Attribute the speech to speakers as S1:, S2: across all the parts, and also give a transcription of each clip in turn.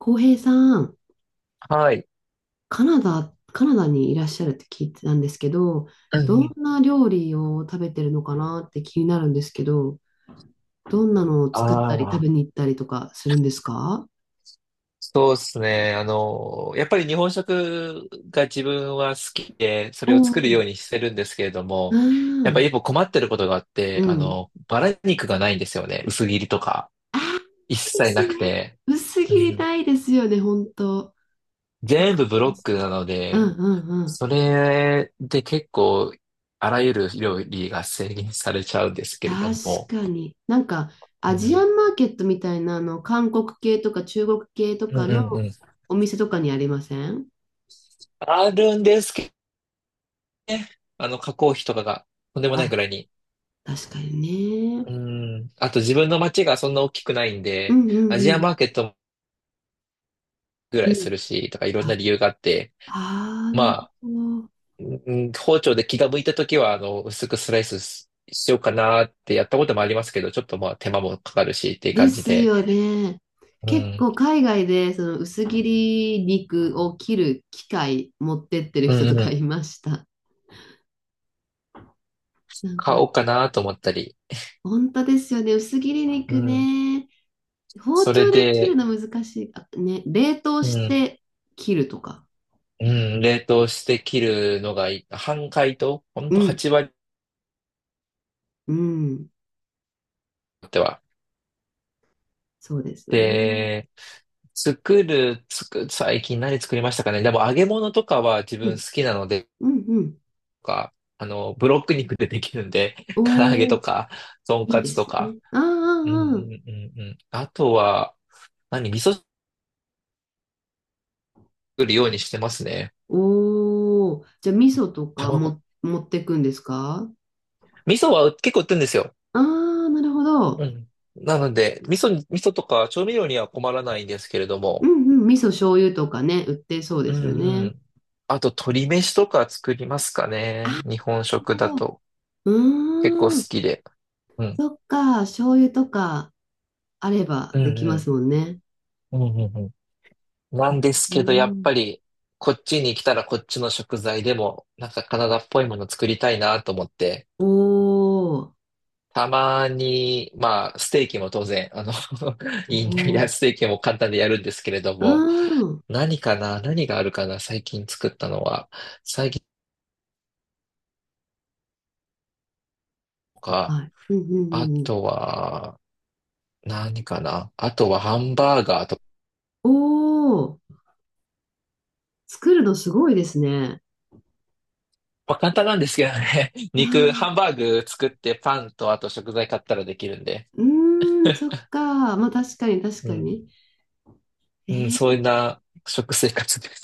S1: 浩平さん、
S2: はい。
S1: カナダ、カナダにいらっしゃるって聞いてたんですけど、
S2: うん
S1: ど
S2: う
S1: ん
S2: ん。
S1: な料理を食べてるのかなって気になるんですけど、どんなのを作ったり食
S2: あ
S1: べ
S2: あ、
S1: に行ったりとかするんですか？
S2: そうですね。やっぱり日本食が自分は好きで、そ
S1: お
S2: れを作るよ
S1: ー、
S2: うにしてるんですけれど
S1: あ
S2: も、やっぱり
S1: ー、
S2: 一歩困ってることがあっ
S1: う
S2: て、
S1: ん。
S2: バラ肉がないんですよね。薄切りとか。
S1: ああ、
S2: 一
S1: で
S2: 切な
S1: す
S2: く
S1: ね。
S2: て。
S1: 薄
S2: う
S1: 切り
S2: ん、
S1: たいですよね、本当。わ
S2: 全
S1: か
S2: 部ブ
S1: り
S2: ロ
S1: ま
S2: ッ
S1: す。
S2: クなの
S1: うん
S2: で、
S1: うんうん。
S2: それで結構、あらゆる料理が制限されちゃうんですけれど
S1: 確
S2: も。
S1: かに。なんか、
S2: う
S1: アジア
S2: ん
S1: ンマーケットみたいな、あの、韓国系とか中国系と
S2: う
S1: か
S2: ん
S1: の
S2: うんうん。
S1: お店とかにありません？
S2: あるんですけどね。加工費とかがとんでもない
S1: あ、
S2: くらいに。
S1: 確かに
S2: う
S1: ね。
S2: ん。あと自分の街がそんな大きくないん
S1: う
S2: で、
S1: んうん
S2: ア
S1: う
S2: ジア
S1: ん。
S2: マーケットぐら
S1: う
S2: い
S1: ん。
S2: するし、とかいろんな
S1: あ、
S2: 理由があって、
S1: あー、
S2: ま
S1: なる
S2: あ、
S1: ほど。
S2: うん、包丁で気が向いたときは、薄くスライスししようかなってやったこともありますけど、ちょっとまあ手間もかかるしっていう
S1: で
S2: 感じ
S1: す
S2: で、
S1: よね。
S2: う
S1: 結
S2: ん、
S1: 構海外でその薄切り肉を切る機械持ってってる
S2: う
S1: 人と
S2: ん、う
S1: か
S2: ん、
S1: いました。なんか、
S2: 買おうかなと思ったり、
S1: 本当ですよね。薄切り
S2: う
S1: 肉
S2: ん、
S1: ね。包
S2: それ
S1: 丁で切る
S2: で、
S1: の難しい。あ、ね、冷凍
S2: う
S1: し
S2: ん、
S1: て切るとか。
S2: うん、冷凍して切るのがいい、半解凍、ほん
S1: う
S2: と
S1: ん、
S2: 8割
S1: うん。
S2: っては。
S1: そうですよね。
S2: で、作る、最近何作りましたかね。でも揚げ物とかは自
S1: う
S2: 分
S1: ん、
S2: 好きなので、と
S1: うん、うん。
S2: か、ブロック肉でできるんで、唐揚げ
S1: おー、
S2: とか、とん
S1: いい
S2: か
S1: で
S2: つと
S1: す
S2: か。
S1: ね。ああ、
S2: うん
S1: あ
S2: う
S1: あ、
S2: んうんうん。あとは、何、味噌作るようにしてますね。
S1: おー、じゃあ味噌とか
S2: 卵。
S1: も持ってくんですか？
S2: 味噌は結構売ってるんですよ。
S1: ああー、なるほど。
S2: うん。なので、味噌とか調味料には困らないんですけれど
S1: うん
S2: も。
S1: うん、味噌醤油とかね、売ってそう
S2: う
S1: ですよ
S2: んう
S1: ね。
S2: ん。あと、鶏飯とか作りますかね。日本
S1: なる
S2: 食だ
S1: ほど。
S2: と。結構好
S1: うーん、
S2: きで。うん。
S1: そっか、醤油とかあれば
S2: う
S1: で
S2: ん
S1: き
S2: う
S1: ま
S2: ん。
S1: すもんね。
S2: うんうんうん。なんです
S1: な
S2: け
S1: る
S2: ど、や
S1: ほ
S2: っぱ
S1: ど。
S2: り、こっちに来たらこっちの食材でも、なんかカナダっぽいもの作りたいなと思って、
S1: おー、
S2: たまに、まあ、ステーキも当然、
S1: お
S2: いいんだ、いや、
S1: ー、
S2: ステーキも簡単でやるんですけれど
S1: う
S2: も、
S1: ーん、
S2: 何かな、何があるかな、最近作ったのは、最近とか、
S1: はい。うんうんう
S2: あ
S1: んうん。
S2: とは、何かな、あとはハンバーガーとか、
S1: おー、作るのすごいですね。
S2: まあ、簡単なんですけどね、
S1: ああ、
S2: ハンバーグ作ってパンとあと食材買ったらできるんで、
S1: うーん、そっか。まあ確かに確
S2: う
S1: か
S2: ん。
S1: に。え
S2: うん、そ
S1: ー、
S2: んな食生活です。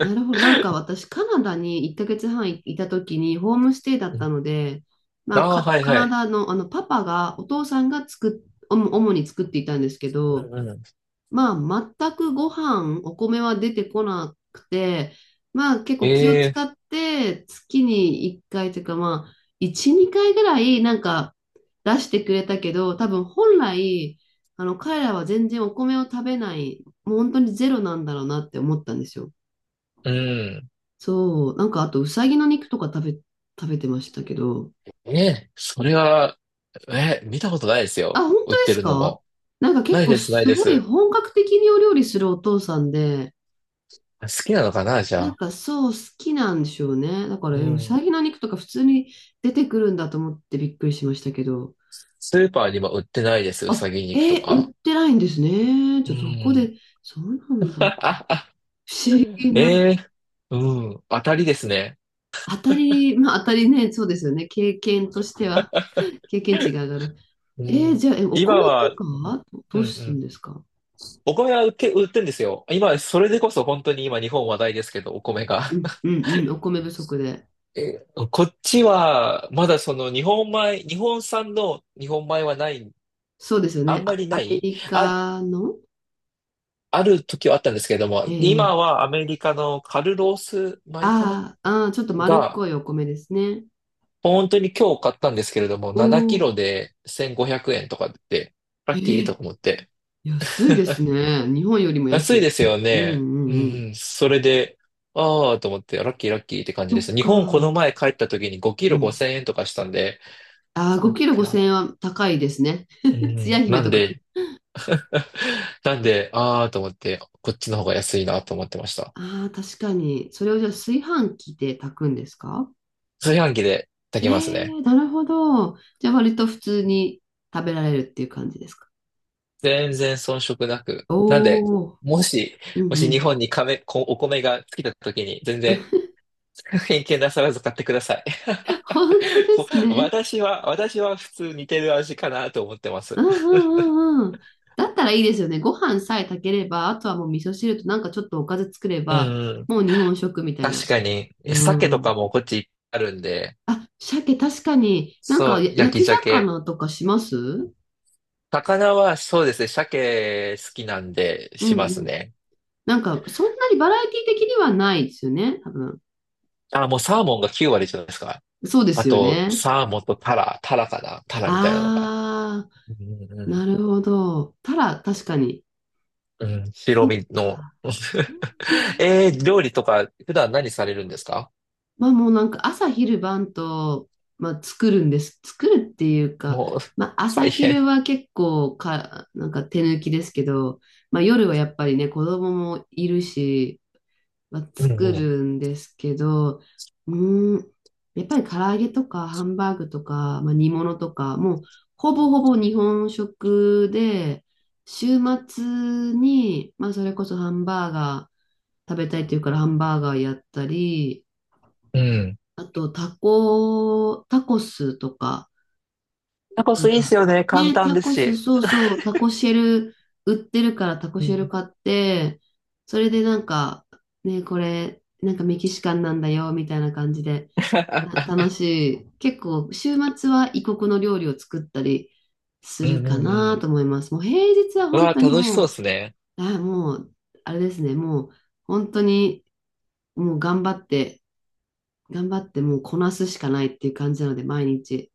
S1: なるほど。なんか私、カナダに1ヶ月半いいた時にホームステイだっ
S2: う
S1: た
S2: ん、
S1: ので、まあ、
S2: ああ、
S1: カ
S2: はい
S1: カ
S2: は
S1: ナ
S2: い。
S1: ダの、あのパパが、お父さんが作っ、おも主に作っていたんですけ
S2: う
S1: ど、
S2: んうん。
S1: まあ、全くご飯、お米は出てこなくて、まあ、結
S2: え
S1: 構気を
S2: え、
S1: 使って、月に1回というか、まあ、1、2回ぐらい、なんか、出してくれたけど、多分本来、あの、彼らは全然お米を食べない、もう本当にゼロなんだろうなって思ったんですよ。
S2: うん。
S1: そう、なんかあと、うさぎの肉とか食べ、食べてましたけど、
S2: ね、え、それは、ええ、見たことないです
S1: あ、
S2: よ。
S1: 本当
S2: 売っ
S1: で
S2: て
S1: す
S2: るの
S1: か？
S2: も。
S1: なんか結
S2: ない
S1: 構
S2: です、ない
S1: す
S2: で
S1: ごい
S2: す。
S1: 本格的にお料理するお父さんで、
S2: 好きなのかな、じゃ
S1: なん
S2: あ。
S1: かそう、好きなんでしょうね。だから、
S2: う
S1: え、うさ
S2: ん。
S1: ぎの肉とか普通に出てくるんだと思ってびっくりしましたけど、
S2: スーパーにも売ってないです、うさ
S1: あ、
S2: ぎ肉と
S1: え、売っ
S2: か。
S1: てないんですね。
S2: う
S1: じゃあ、どこ
S2: ん。
S1: で、そうなんだ。不 思議
S2: え
S1: な。
S2: え、うん。当たりですね。
S1: 当たり、まあ当たりね、そうですよね。経験としては、経験値 が上がる。
S2: う
S1: えー、
S2: ん。
S1: じゃあ、え、お
S2: 今
S1: 米と
S2: は、
S1: か
S2: うん
S1: はどど
S2: う
S1: うするん
S2: ん。
S1: ですか？
S2: お米は売って、売ってんですよ。今、それでこそ本当に今日本話題ですけど、お米が。
S1: うんうんうん、お米不足で。
S2: え、こっちは、まだその日本米、日本産の日本米はない、
S1: そうですよ
S2: あ
S1: ね。
S2: んま
S1: あ、
S2: りな
S1: アメ
S2: い、
S1: リ
S2: あ、
S1: カの、
S2: ある時はあったんですけれども、
S1: え
S2: 今
S1: ー、
S2: はアメリカのカルロース米かな、
S1: あーあー、ちょっと丸っ
S2: が、
S1: こいお米ですね。
S2: 本当に今日買ったんですけれども、
S1: お
S2: 7キ
S1: お、
S2: ロで1500円とかで、
S1: え
S2: ラッキーと
S1: ー、
S2: か思って。
S1: 安いです ね。日本よりも
S2: 安
S1: 安
S2: いで
S1: い。
S2: すよ
S1: うんう
S2: ね。う
S1: んうん。
S2: んうん。それで、ああ、と思って、ラッキーラッキーって感じ
S1: そ
S2: で
S1: っ
S2: す。日本この
S1: か。
S2: 前帰った時に5キ
S1: う
S2: ロ
S1: ん。
S2: 5000円とかしたんで、
S1: ああ、
S2: あ
S1: 5キロ
S2: や、
S1: 5000円は高いですね。
S2: う
S1: つや
S2: ん。
S1: 姫
S2: な
S1: と
S2: ん
S1: か。
S2: で、なんで、あーと思って、こっちの方が安いなと思ってました。
S1: ああ、確かに。それをじゃあ炊飯器で炊くんですか？
S2: 炊飯器で
S1: え
S2: 炊けますね。
S1: ー、なるほど。じゃあ割と普通に食べられるっていう感じですか。
S2: 全然遜色なく。なんで、
S1: おお
S2: もし、
S1: ー、う
S2: もし日
S1: ん、
S2: 本に米、お米が尽きた時に、全然 偏見なさらず買ってください。
S1: 本当 で
S2: こ
S1: すね。
S2: 私は、私は普通似てる味かなと思ってま
S1: う
S2: す。
S1: んうんうんうん。だったらいいですよね。ご飯さえ炊ければ、あとはもう味噌汁となんかちょっとおかず作れ
S2: う
S1: ば、
S2: んうん。
S1: もう日本食みたい
S2: 確
S1: な。
S2: かに、鮭
S1: う
S2: と
S1: ん。
S2: かもこっちあるんで、
S1: あ、鮭確かに、なん
S2: そ
S1: か
S2: う、
S1: や
S2: 焼
S1: 焼
S2: き
S1: き
S2: 鮭。
S1: 魚とかします？うん、
S2: 魚はそうですね、鮭好きなんで
S1: う
S2: します
S1: ん。
S2: ね。
S1: なんかそんなにバラエティ的にはないですよね、多分。
S2: あ、もうサーモンが9割じゃないですか。
S1: そうで
S2: あ
S1: すよ
S2: と、
S1: ね。
S2: サーモンとタラ、タラかなタラみたいなのが。
S1: あ
S2: うんう
S1: ー、な
S2: ん
S1: るほど。たら確かに。
S2: うん。うん、白
S1: そっ
S2: 身の。
S1: か。うん うんうん。
S2: えー、料理とか普段何されるんですか？
S1: まあもうなんか朝昼晩と、まあ、作るんです。作るっていうか、
S2: もう、
S1: まあ朝
S2: 大変。
S1: 昼は結構か、なんか手抜きですけど、まあ夜はやっぱりね、子供もいるし、まあ、
S2: うん
S1: 作
S2: うん。
S1: るんですけど、うーん、やっぱり唐揚げとかハンバーグとか、まあ、煮物とか、もうほぼほぼ日本食で、週末に、まあそれこそハンバーガー食べたいっていうからハンバーガーやったり、
S2: うん。
S1: あと、タコ、タコスとか、
S2: タコ
S1: なん
S2: スいいっす
S1: か、
S2: よね。簡
S1: ね、
S2: 単
S1: タ
S2: です
S1: コス、
S2: し。
S1: そうそう、タコシェル売ってるからタコ
S2: う
S1: シェル
S2: ん。
S1: 買って、それでなんか、ね、これ、なんかメキシカンなんだよ、みたいな感じで、た楽しい。結構、週末は異国の料理を作ったりす
S2: うんう
S1: るか
S2: んう
S1: な
S2: ん。
S1: と思います。もう平日は
S2: う
S1: 本
S2: わ
S1: 当
S2: ー、
S1: に
S2: 楽しそう
S1: も
S2: ですね。
S1: う、あ、もう、あれですね、もう、本当に、もう頑張って、頑張ってもうこなすしかないっていう感じなので、毎日。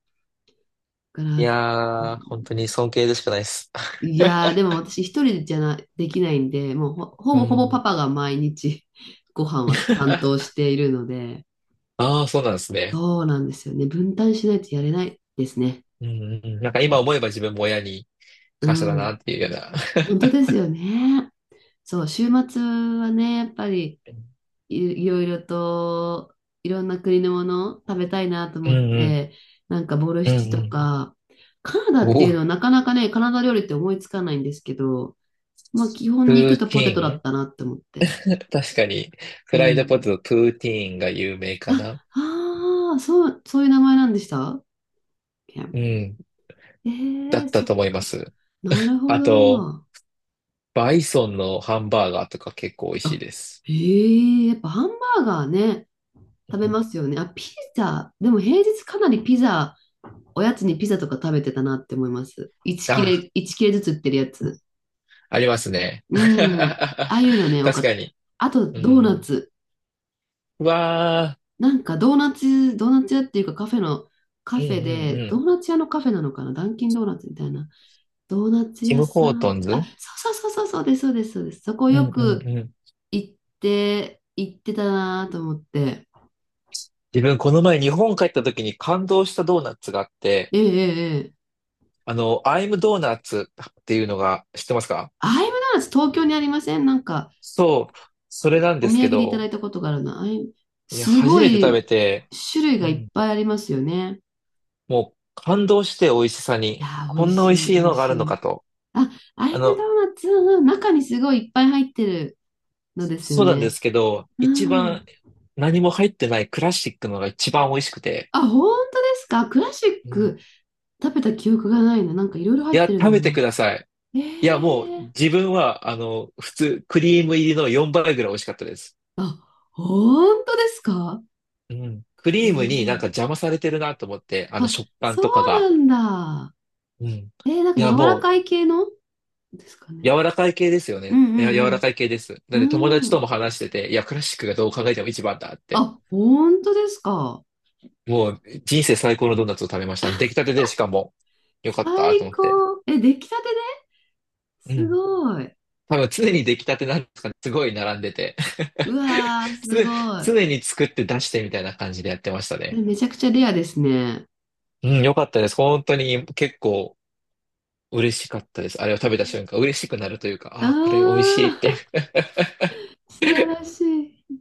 S1: か
S2: い
S1: ら、
S2: やー、本当に尊敬でしかないです。
S1: いやー、でも私一人じゃな、できないんで、もうほ、ほ
S2: う
S1: ぼほぼパ
S2: ん。
S1: パが毎日 ご飯は担当 しているので、
S2: ああ、そうなんですね。
S1: そうなんですよね。分担しないとやれないですね。
S2: うんうんうん。なんか
S1: う
S2: 今
S1: ん。
S2: 思えば自分も親に
S1: う
S2: 感謝だなっ
S1: ん、
S2: ていうような。
S1: 本当ですよね。そう、週末はね、やっぱり い、いろいろと、いろんな国のもの食べたいなと
S2: う
S1: 思っ
S2: んうん、
S1: て、なんかボル
S2: うん
S1: シチ
S2: う
S1: と
S2: ん。
S1: か、カナ
S2: お
S1: ダってい
S2: お、
S1: うのはなかなかね、カナダ料理って思いつかないんですけど、まあ、基
S2: プ
S1: 本肉
S2: ー
S1: とポテ
S2: テ
S1: トだ
S2: ィ
S1: ったなって思って。
S2: ーン。 確かに、
S1: う
S2: フライドポテ
S1: ん。
S2: ト、プーティーンが有名
S1: あ、
S2: かな。
S1: ああ、そう、そういう名前なんでしたケン。
S2: うん、
S1: ええ
S2: だ
S1: ー、
S2: った
S1: そっ
S2: と思いま
S1: か。
S2: す。
S1: なるほ
S2: あと、
S1: ど。
S2: バイソンのハンバーガーとか結構美味しい
S1: あ、
S2: です。
S1: ええ、やっぱハンバーガーね、
S2: う
S1: 食べ
S2: ん、
S1: ますよね。あ、ピザ。でも平日かなりピザ、おやつにピザとか食べてたなって思います。1切
S2: あ、
S1: れ、1切れずつ売ってるやつ。
S2: ありますね。
S1: うん。あ あいうのね、多か
S2: 確
S1: っ
S2: か
S1: た。
S2: に。
S1: あと、
S2: う
S1: ドーナ
S2: ん。
S1: ツ。
S2: うわ
S1: なんかドーナツ、ドーナツ屋っていうかカフェの、カ
S2: ー、う
S1: フェ
S2: んう
S1: で、
S2: んう
S1: ド
S2: ん。
S1: ーナツ屋のカフェなのかな、ダンキンドーナツみたいな。ドーナツ
S2: ティ
S1: 屋
S2: ム・
S1: さ
S2: ホート
S1: ん。
S2: ン
S1: あ、
S2: ズ。
S1: そうそうそうそう、そうです、そうです、そうです。そこ
S2: うん
S1: よ
S2: うん
S1: く
S2: うん。
S1: 行って、行ってたなと思って。
S2: 自分、この前日本帰った時に感動したドーナツがあって、
S1: ええ、ええ、ええ。
S2: アイムドーナツっていうのが知ってますか？
S1: アイムドーナツ東京にありません？なんか
S2: そう、それなんで
S1: お
S2: す
S1: 土
S2: け
S1: 産でいただ
S2: ど、
S1: いたことがあるな。アイム
S2: いや、
S1: す
S2: 初
S1: ご
S2: めて食
S1: い
S2: べて、
S1: 種類
S2: う
S1: がいっ
S2: ん、
S1: ぱいありますよね。
S2: もう感動して美味しさ
S1: いや
S2: に、
S1: ー、美
S2: こ
S1: 味
S2: んな美味
S1: しい、
S2: し
S1: 美
S2: い
S1: 味
S2: のがあ
S1: し
S2: るのか
S1: い。
S2: と。
S1: あ、ア
S2: あ
S1: イムド
S2: の、
S1: ーナツ、うんうん、中にすごいいっぱい入ってるのですよ
S2: そうなんで
S1: ね。
S2: すけど、一
S1: う
S2: 番
S1: ん。
S2: 何も入ってないクラシックのが一番美味しくて、
S1: あ、本当ですか？クラシッ
S2: うん、い
S1: ク食べた記憶がないな。なんかいろいろ入っ
S2: や、
S1: てるの
S2: 食
S1: を
S2: べ
S1: も
S2: て
S1: らっ
S2: く
S1: た、
S2: ださい。
S1: え
S2: いや、もう
S1: え、
S2: 自分は、普通、クリーム入りの4倍ぐらい美味しかったです。
S1: あ、本当ですか？
S2: うん、クリーム
S1: す
S2: にな
S1: ご
S2: んか
S1: い。
S2: 邪魔されてるなと思って、あの
S1: あ、
S2: 食感
S1: そう
S2: とか
S1: な
S2: が。
S1: んだ。
S2: うん。い
S1: えー、なんか柔
S2: や、
S1: ら
S2: も
S1: か
S2: う
S1: い系のですかね。
S2: 柔らかい系ですよ
S1: う
S2: ね。
S1: ん
S2: いや、
S1: う
S2: 柔ら
S1: ん
S2: かい系です。な
S1: う
S2: んで友
S1: ん。
S2: 達
S1: う
S2: と
S1: ん。
S2: も話してて、いや、クラシックがどう考えても一番だって。
S1: あ、本当ですか。
S2: もう人生最高のドーナツを食べました。出来たてでしかも、よかったと
S1: 最
S2: 思って。
S1: 高。え、出来たてで
S2: う
S1: す
S2: ん。
S1: ごい。
S2: 多分常に出来たてなんですかね。すごい並んでて。
S1: うわー、
S2: 常、
S1: すごい。
S2: 常に作って出してみたいな感じでやってました
S1: え、
S2: ね。
S1: めちゃくちゃレアですね。
S2: うん、よかったです。本当に結構嬉しかったです。あれを食べた瞬間、嬉しくなるというか、
S1: あ
S2: あー、これ美味しいって。
S1: ー、素晴らしい。